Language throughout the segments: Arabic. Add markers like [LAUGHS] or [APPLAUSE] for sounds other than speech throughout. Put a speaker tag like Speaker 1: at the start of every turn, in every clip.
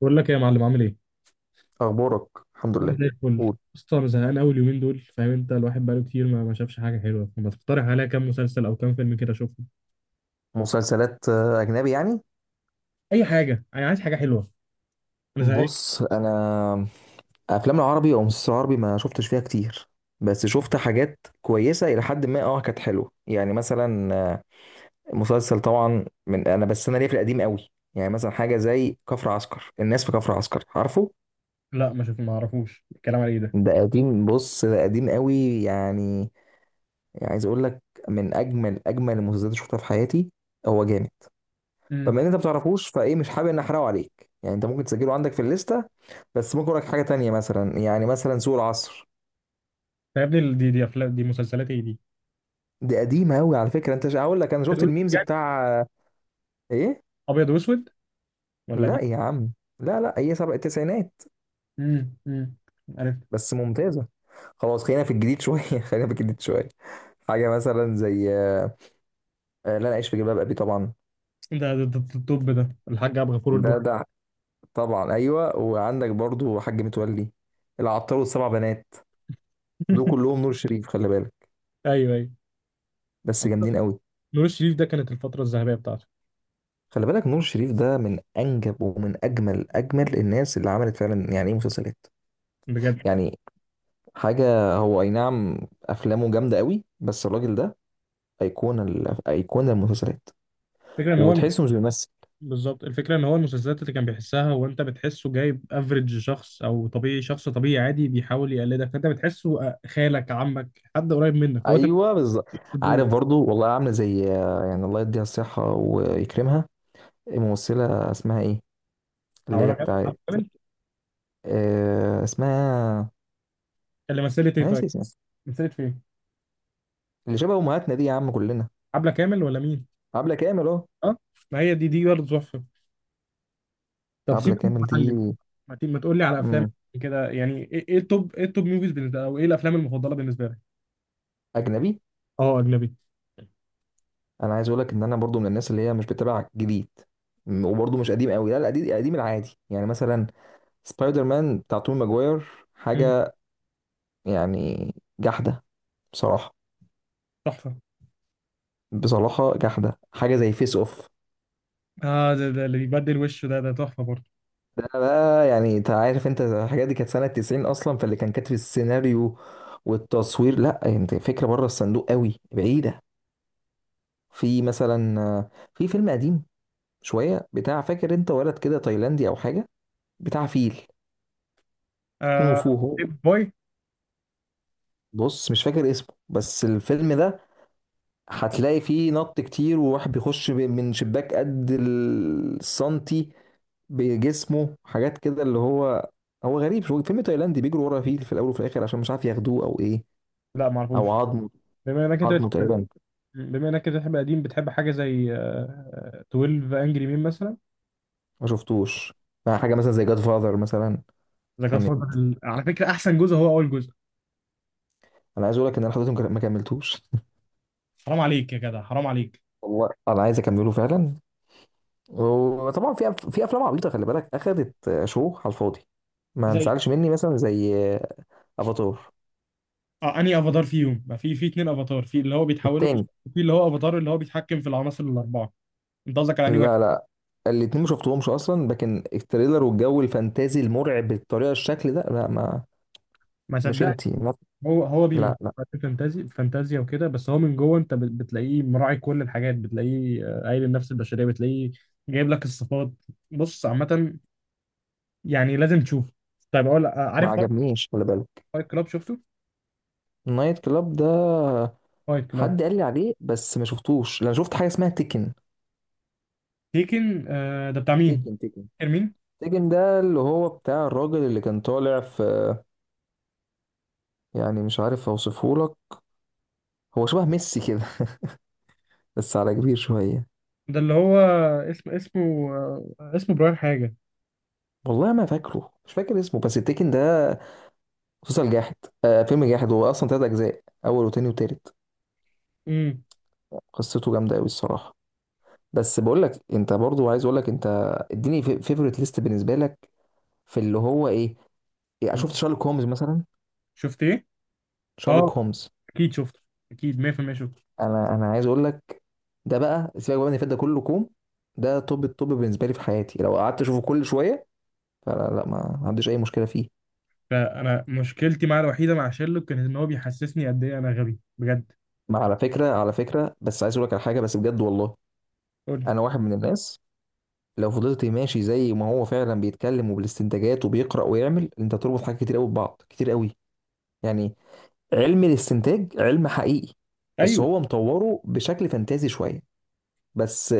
Speaker 1: بقول لك إيه يا معلم، عامل ايه؟
Speaker 2: اخبارك. الحمد
Speaker 1: انا
Speaker 2: لله.
Speaker 1: زي الفل.
Speaker 2: قول.
Speaker 1: بص انا زهقان قوي اليومين دول، فاهم؟ انت الواحد بقاله كتير ما شافش حاجه حلوه، فما تقترح عليا كام مسلسل او كام فيلم كده اشوفهم.
Speaker 2: مسلسلات اجنبي يعني.
Speaker 1: اي حاجه، انا عايز حاجه حلوه. انا زهقان.
Speaker 2: بص انا افلام العربي او مسلسل عربي ما شفتش فيها كتير، بس شفت حاجات كويسه الى حد ما كانت حلوه يعني مثلا مسلسل طبعا من انا بس انا ليا في القديم قوي، يعني مثلا حاجه زي كفر عسكر، الناس في كفر عسكر عارفه.
Speaker 1: لا ما شوف، ما اعرفوش الكلام على ايه ده.
Speaker 2: ده قديم، بص ده قديم قوي يعني. عايز اقول لك من اجمل اجمل المسلسلات اللي شفتها في حياتي. هو جامد. فبما
Speaker 1: امم.
Speaker 2: ان انت ما بتعرفوش فايه مش حابب ان احرقه عليك، يعني انت ممكن تسجله عندك في الليسته. بس ممكن اقول لك حاجه تانية، مثلا يعني مثلا سوق العصر.
Speaker 1: يا ابني، دي افلام، دي مسلسلات ايه دي؟
Speaker 2: دي قديمه قوي على فكره. انت هقول لك انا شفت
Speaker 1: أبيض وأسود
Speaker 2: الميمز
Speaker 1: يعني؟
Speaker 2: بتاع. ايه.
Speaker 1: ابيض واسود ولا
Speaker 2: لا
Speaker 1: دي؟
Speaker 2: يا عم. لا لا، هي سبع التسعينات.
Speaker 1: امم. عرفت.
Speaker 2: بس ممتازه. خلاص، خلينا في الجديد شويه [LAUGHS] خلينا في الجديد شويه. حاجه مثلا زي لا انا عايش في جلباب ابي طبعا.
Speaker 1: ده الطب، ده الحاج عبد الغفور
Speaker 2: ده
Speaker 1: البرعي.
Speaker 2: ده طبعا ايوه، وعندك برضو حاج متولي، العطار والسبع بنات. دول
Speaker 1: [LAUGHS]
Speaker 2: كلهم نور شريف، خلي بالك.
Speaker 1: ايوه ايوه.
Speaker 2: بس
Speaker 1: عامة،
Speaker 2: جامدين قوي.
Speaker 1: نور الشريف ده كانت الفتره الذهبيه بتاعته.
Speaker 2: خلي بالك، نور شريف ده من انجب ومن اجمل اجمل الناس اللي عملت فعلا يعني ايه مسلسلات،
Speaker 1: بجد.
Speaker 2: يعني حاجه. هو اي نعم، افلامه جامده قوي، بس الراجل ده ايقونه ايقونه المسلسلات.
Speaker 1: الفكره ان هو...
Speaker 2: وتحسه مش بيمثل.
Speaker 1: بالظبط، الفكرة ان هو المسلسلات اللي كان بيحسها هو، انت بتحسه جايب افريج شخص او طبيعي، شخص طبيعي عادي بيحاول يقلدك، فانت بتحسه خالك، عمك، حد قريب منك، هو انت بتحس
Speaker 2: ايوه بالظبط.
Speaker 1: الدور.
Speaker 2: عارف، برضو والله عامله زي، يعني الله يديها الصحه ويكرمها. الممثله اسمها ايه؟ اللي
Speaker 1: او
Speaker 2: هي
Speaker 1: لا، عبلة
Speaker 2: بتاعت.
Speaker 1: كامل.
Speaker 2: آه اسمها.
Speaker 1: اللي مثلت ايه؟
Speaker 2: انا
Speaker 1: طيب،
Speaker 2: ناسي اسمها.
Speaker 1: مثلت فين؟
Speaker 2: اللي شبه امهاتنا دي يا عم كلنا.
Speaker 1: عبلة كامل ولا مين؟
Speaker 2: عبله كامل اهو.
Speaker 1: اه. ما هي دي برضه تحفة. طب
Speaker 2: عبله
Speaker 1: سيبك من
Speaker 2: كامل دي.
Speaker 1: المعلم. ما تقول لي على افلام
Speaker 2: مم.
Speaker 1: كده، يعني ايه؟ إيه التوب ايه التوب موفيز بالنسبة لك، او ايه الافلام المفضلة بالنسبة لك؟
Speaker 2: اجنبي.
Speaker 1: اه اجنبي.
Speaker 2: انا عايز اقول لك ان انا برضو من الناس اللي هي مش بتابع جديد، وبرضو مش قديم قوي. لا لا، قديم قديم العادي، يعني مثلا سبايدر مان بتاع توم ماجواير.
Speaker 1: مم،
Speaker 2: حاجه يعني جحده بصراحه.
Speaker 1: تحفة.
Speaker 2: بصراحه جحده، حاجه زي فيس اوف.
Speaker 1: اه ده اللي بيبدل وشه، ده تحفة برضه.
Speaker 2: ده بقى، يعني انت عارف، انت الحاجات دي كانت سنه 90 اصلا، فاللي كان كاتب السيناريو والتصوير لا، يعني انت فكره بره الصندوق قوي بعيده. في مثلا في فيلم قديم شويه، بتاع، فاكر انت ولد كده تايلاندي او حاجه، بتاع فيل، كونغ
Speaker 1: آه.
Speaker 2: فو.
Speaker 1: بيب بوي.
Speaker 2: بص مش فاكر اسمه، بس الفيلم ده هتلاقي فيه نط كتير، وواحد بيخش من شباك قد السنتي بجسمه، حاجات كده اللي هو هو غريب. شو فيلم تايلاندي بيجروا ورا فيل في الاول وفي الاخر عشان مش عارف ياخدوه او ايه،
Speaker 1: لا
Speaker 2: او
Speaker 1: معرفوش.
Speaker 2: عظمه.
Speaker 1: بما انك انت
Speaker 2: عظمه
Speaker 1: بتحب
Speaker 2: تقريبا.
Speaker 1: بما انك انت بتحب قديم، بتحب حاجه زي 12 انجري مين مثلا.
Speaker 2: ما شفتوش. بقى حاجه مثلا زي جاد فاذر مثلا.
Speaker 1: ذا جاد
Speaker 2: كانت.
Speaker 1: فاذر على فكره احسن جزء هو اول جزء.
Speaker 2: انا عايز اقول لك ان انا حضرتهم ما كملتوش
Speaker 1: حرام عليك يا جدع، حرام عليك.
Speaker 2: [LAUGHS] والله انا عايز اكمله فعلا. وطبعا في في افلام عبيطه، خلي بالك اخدت شو على الفاضي، ما
Speaker 1: زي...
Speaker 2: تزعلش مني، مثلا زي افاتار.
Speaker 1: اه، انهي افاتار فيهم؟ ما في اتنين افاتار، في اللي هو بيتحولوا،
Speaker 2: التاني.
Speaker 1: وفي اللي هو افاتار اللي هو بيتحكم في العناصر الاربعه. انت قصدك على انهي واحد؟
Speaker 2: لا لا، الاتنين ما شفتهمش اصلا، لكن التريلر والجو الفانتازي المرعب بالطريقه الشكل ده لا ما.
Speaker 1: ما
Speaker 2: مش
Speaker 1: صدقت.
Speaker 2: انتي ما.
Speaker 1: هو بيمن
Speaker 2: لا لا،
Speaker 1: فانتازي فانتازيا وكده، بس هو من جوه انت بتلاقيه مراعي كل الحاجات، بتلاقيه قايل النفس البشريه، بتلاقيه جايب لك الصفات. بص عامه، يعني لازم تشوف. طيب، اقول
Speaker 2: ما
Speaker 1: عارف
Speaker 2: عجبنيش خلي بالك.
Speaker 1: فايت كلاب؟ شفته؟
Speaker 2: نايت كلاب ده
Speaker 1: فايت كلاب.
Speaker 2: حد قال لي عليه بس ما شفتوش. لا، انا شفت حاجه اسمها تيكن.
Speaker 1: تيكن ده بتاع مين؟
Speaker 2: تيكن. تيكن
Speaker 1: فاكر مين؟
Speaker 2: تيكن ده اللي هو بتاع الراجل اللي كان طالع في، يعني مش عارف اوصفه لك، هو شبه ميسي كده، بس على كبير شويه.
Speaker 1: ده اللي هو... اسمه... آه، اسمه براين حاجه.
Speaker 2: والله ما فاكره، مش فاكر اسمه، بس التيكن ده مسلسل جاحد. آه، فيلم جاحد، هو اصلا تلات اجزاء، اول وتاني وتالت.
Speaker 1: امم.
Speaker 2: قصته جامده قوي الصراحه. بس بقول لك انت، برضو عايز اقول لك انت اديني فيفورت ليست بالنسبه لك. في اللي هو ايه، يعني شفت شارلوك هومز مثلا؟
Speaker 1: شفت ايه؟ اه،
Speaker 2: شارلوك هومز.
Speaker 1: اكيد شفته، اكيد 100% شفته.
Speaker 2: انا عايز اقول لك، ده بقى سيبك بقى من اللي فات ده كله كوم. ده توب التوب بالنسبه لي في حياتي، لو قعدت اشوفه كل شويه فلا لا، ما ما عنديش اي مشكله فيه.
Speaker 1: فانا مشكلتي معاه الوحيده مع شيرلوك كانت ان هو بيحسسني قد ايه انا غبي بجد.
Speaker 2: ما على فكره، على فكره بس عايز اقول لك على حاجه بس بجد والله.
Speaker 1: قول لي.
Speaker 2: انا واحد من الناس لو فضلت ماشي زي ما هو فعلا بيتكلم، وبالاستنتاجات وبيقرا ويعمل، انت تربط حاجات كتير قوي ببعض كتير قوي يعني. علم الاستنتاج علم حقيقي، بس
Speaker 1: ايوه
Speaker 2: هو مطوره بشكل فانتازي شويه بس.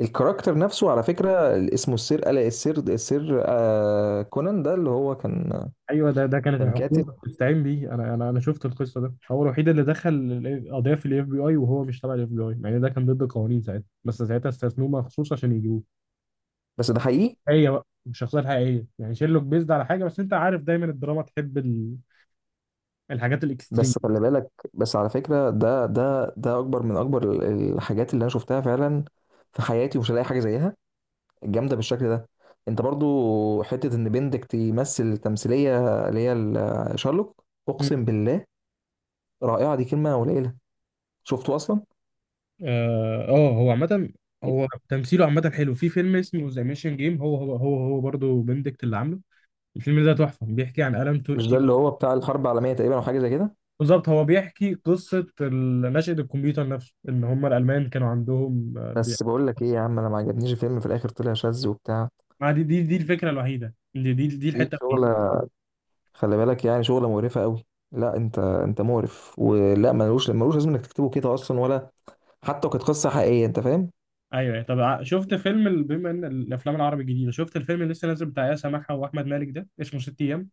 Speaker 2: الكاركتر نفسه على فكره اللي اسمه السير الا السير السير كونان ده اللي هو كان
Speaker 1: ايوه. ده كانت
Speaker 2: كان كاتب.
Speaker 1: الحكومه بتستعين بيه. انا شفت القصه، ده هو الوحيد اللي دخل قضيه في الاف بي اي وهو مش تبع الاف بي اي، يعني ده كان ضد القوانين ساعتها، بس ساعتها استثنوه مخصوص عشان يجيبوه.
Speaker 2: بس ده حقيقي.
Speaker 1: هي بقى مش شخصية حقيقية، يعني شيرلوك بيزد على حاجة، بس انت عارف دايما الدراما تحب ال... الحاجات الاكستريم.
Speaker 2: بس خلي بالك، بس على فكره، ده اكبر من اكبر الحاجات اللي انا شفتها فعلا في حياتي، ومش هلاقي حاجه زيها جامده بالشكل ده. انت برضو حته ان بندك تمثل تمثيليه اللي هي شارلوك.
Speaker 1: مم.
Speaker 2: اقسم بالله، رائعه دي كلمه قليله. شفته اصلا؟
Speaker 1: اه، هو عامة... هو تمثيله عامة حلو في فيلم اسمه ذا ميشن جيم، هو برضه بندكت اللي عامله. الفيلم ده تحفة، بيحكي عن ألم
Speaker 2: مش ده اللي هو بتاع الحرب العالميه تقريبا او حاجه زي كده؟
Speaker 1: بالظبط، هو بيحكي قصة نشأة الكمبيوتر نفسه، ان هم الألمان كانوا عندهم
Speaker 2: بس بقول لك ايه يا عم، انا ما عجبنيش الفيلم، في الاخر طلع شاذ وبتاع.
Speaker 1: ما دي الفكرة الوحيدة، دي
Speaker 2: دي
Speaker 1: الحتة الوحيدة.
Speaker 2: شغله، خلي بالك، يعني شغله مقرفه قوي. لا انت انت مقرف، ولا ملوش ملوش لازم انك تكتبه كده اصلا، ولا حتى لو كانت قصه حقيقيه، انت فاهم.
Speaker 1: ايوه أيوة. طب شفت فيلم بما ان الافلام العربي الجديده، شفت الفيلم اللي لسه نازل بتاع ياسر محا واحمد مالك؟ ده اسمه ست ايام.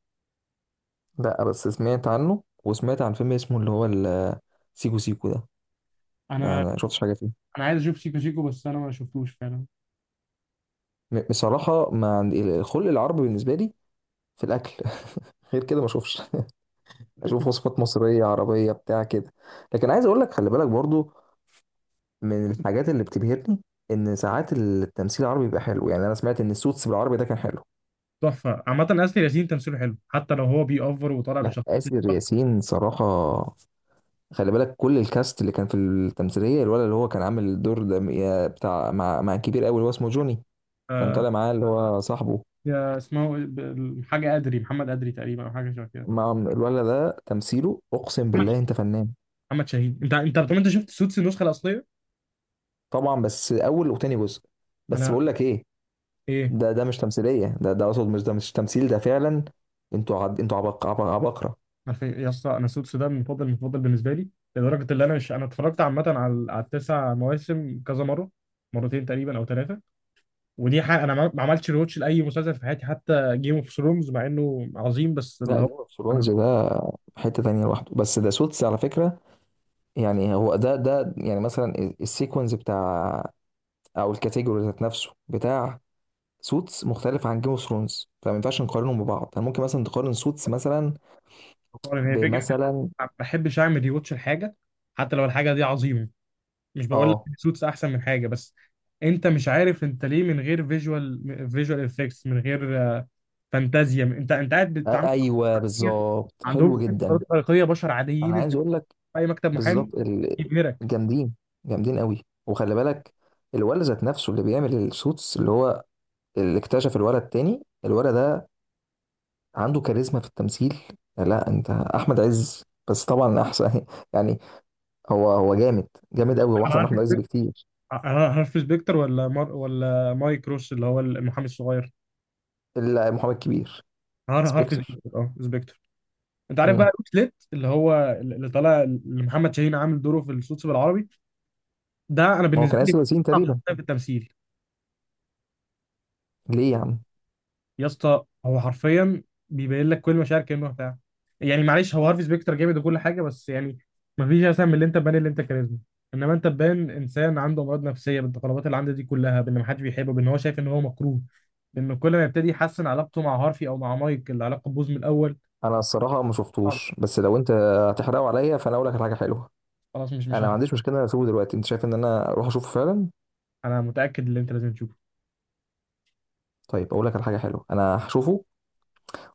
Speaker 2: لا بس سمعت عنه، وسمعت عن فيلم اسمه اللي هو سيكو سيكو ده. ما
Speaker 1: انا
Speaker 2: ما شفتش حاجه فيه.
Speaker 1: انا عايز اشوف شيكو شيكو، بس انا ما شفتوش فعلا.
Speaker 2: بصراحة ما عند- الخلق العربي بالنسبة لي في الأكل [LAUGHS] غير كده ما أشوفش [LAUGHS] أشوف
Speaker 1: [LAUGHS]
Speaker 2: وصفات مصرية عربية بتاع كده. لكن عايز أقول لك، خلي بالك برضو، من الحاجات اللي بتبهرني إن ساعات التمثيل العربي بيبقى حلو. يعني أنا سمعت إن السوتس بالعربي ده كان حلو.
Speaker 1: تحفه عامه، اسر ياسين تمثيله حلو حتى لو هو بيأفور وطالع
Speaker 2: لا
Speaker 1: بشخصيه.
Speaker 2: آسر ياسين صراحة، خلي بالك كل الكاست اللي كان في التمثيلية، الولد اللي هو كان عامل الدور ده يا بتاع، مع كبير أوي اللي هو اسمه جوني، كان
Speaker 1: آه،
Speaker 2: طالع معاه اللي هو صاحبه.
Speaker 1: يا اسمه إيه؟ حاجه ادري، محمد ادري تقريبا، او حاجه شبه كده.
Speaker 2: مع الولد ده تمثيله أقسم
Speaker 1: محمد
Speaker 2: بالله أنت فنان.
Speaker 1: محمد شاهين. انت انت طب انت شفت سوتس النسخه الاصليه؟
Speaker 2: طبعا بس اول وتاني جزء. بس
Speaker 1: انا.
Speaker 2: بقول لك ايه،
Speaker 1: ايه.
Speaker 2: ده ده مش تمثيليه، ده ده اقصد مش ده مش تمثيل، ده فعلا. انتوا انتوا عبقره.
Speaker 1: عارف إيه؟ يا اسطى، انا سوتس ده المفضل المفضل بالنسبه لي. لدرجه ان انا مش انا اتفرجت عامه على التسع مواسم كذا مره، مرتين تقريبا او ثلاثه. ودي حاجه انا ما ما عملتش ريوتش لاي مسلسل في حياتي، حتى جيم اوف ثرونز مع انه عظيم، بس اللي
Speaker 2: لا
Speaker 1: هو...
Speaker 2: جيم اوف ثرونز
Speaker 1: انا
Speaker 2: ده حته تانية لوحده، بس ده سوتس على فكره. يعني هو ده يعني مثلا السيكونز بتاع، او الكاتيجوري ذات نفسه بتاع سوتس، مختلف عن جيم اوف ثرونز، فما ينفعش نقارنهم ببعض، يعني ممكن مثلا تقارن سوتس مثلا
Speaker 1: عارف. هي فكرة.
Speaker 2: بمثلا.
Speaker 1: ما بحبش أعمل ريوتش الحاجة، حتى لو الحاجة دي عظيمة. مش بقول لك
Speaker 2: اه.
Speaker 1: سوتس أحسن من حاجة، بس أنت مش عارف أنت ليه، من غير فيجوال إفكتس، من غير فانتازيا. أنت قاعد بتتعامل مع
Speaker 2: ايوه
Speaker 1: بشر
Speaker 2: بالظبط،
Speaker 1: عندهم
Speaker 2: حلو جدا.
Speaker 1: قدرات خارقية، بشر
Speaker 2: انا
Speaker 1: عاديين أنت
Speaker 2: عايز اقول لك
Speaker 1: في أي مكتب محامي
Speaker 2: بالظبط
Speaker 1: يبهرك.
Speaker 2: جامدين. جامدين قوي، وخلي بالك الولد ذات نفسه اللي بيعمل السوتس اللي هو اللي اكتشف الولد التاني، الولد ده عنده كاريزما في التمثيل. لا انت احمد عز بس طبعا احسن [LAUGHS] يعني. هو هو جامد جامد قوي، هو
Speaker 1: أنا
Speaker 2: احسن من
Speaker 1: عارف.
Speaker 2: احمد عز بكتير.
Speaker 1: أنا هارفي سبيكتر ولا مار ولا مايك روس اللي هو المحامي الصغير.
Speaker 2: الا محمد كبير.
Speaker 1: هارفي
Speaker 2: سبكتر.
Speaker 1: سبيكتر، سبيكتر. أنت عارف بقى
Speaker 2: امم.
Speaker 1: روس ليت اللي هو... اللي طالع اللي محمد شاهين عامل دوره في السوتس بالعربي، ده انا
Speaker 2: ما هو
Speaker 1: بالنسبه
Speaker 2: كان
Speaker 1: لي
Speaker 2: اسر ياسين
Speaker 1: اصعب
Speaker 2: تقريبا.
Speaker 1: شخصيه في التمثيل.
Speaker 2: ليه يا عم؟
Speaker 1: يا اسطى، هو حرفيا بيبين لك كل مشاعر كانه بتاع. يعني معلش، هو هارفي سبيكتر جامد وكل حاجه، بس يعني ما فيش احسن من اللي انت تبان اللي انت كاريزما. انما انت تبان انسان عنده امراض نفسيه، بالتقلبات اللي عنده دي كلها، بان ما حدش بيحبه، بان هو شايف ان هو مكروه، بان كل ما يبتدي يحسن علاقته مع هارفي او مع مايك العلاقه تبوظ من الاول.
Speaker 2: انا الصراحه ما
Speaker 1: خلاص
Speaker 2: شفتوش، بس لو انت هتحرقه عليا فانا اقول لك على حاجه حلوه.
Speaker 1: خلاص، مش
Speaker 2: انا
Speaker 1: مش
Speaker 2: ما
Speaker 1: هحكي.
Speaker 2: عنديش مشكله إن أنا اسيبه دلوقتي، انت شايف ان انا اروح اشوفه فعلا؟
Speaker 1: انا متاكد ان انت لازم تشوفه.
Speaker 2: طيب اقول لك على حاجه حلوه، انا هشوفه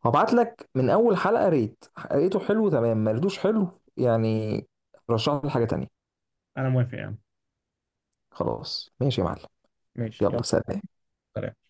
Speaker 2: وهبعت لك من اول حلقه ريت. ريته حلو تمام، ما ريتوش حلو يعني رشح لي حاجه تانية.
Speaker 1: انا موافق يعني.
Speaker 2: خلاص ماشي يا معلم.
Speaker 1: ماشي
Speaker 2: يلا
Speaker 1: يلا.
Speaker 2: سلام.
Speaker 1: سلام.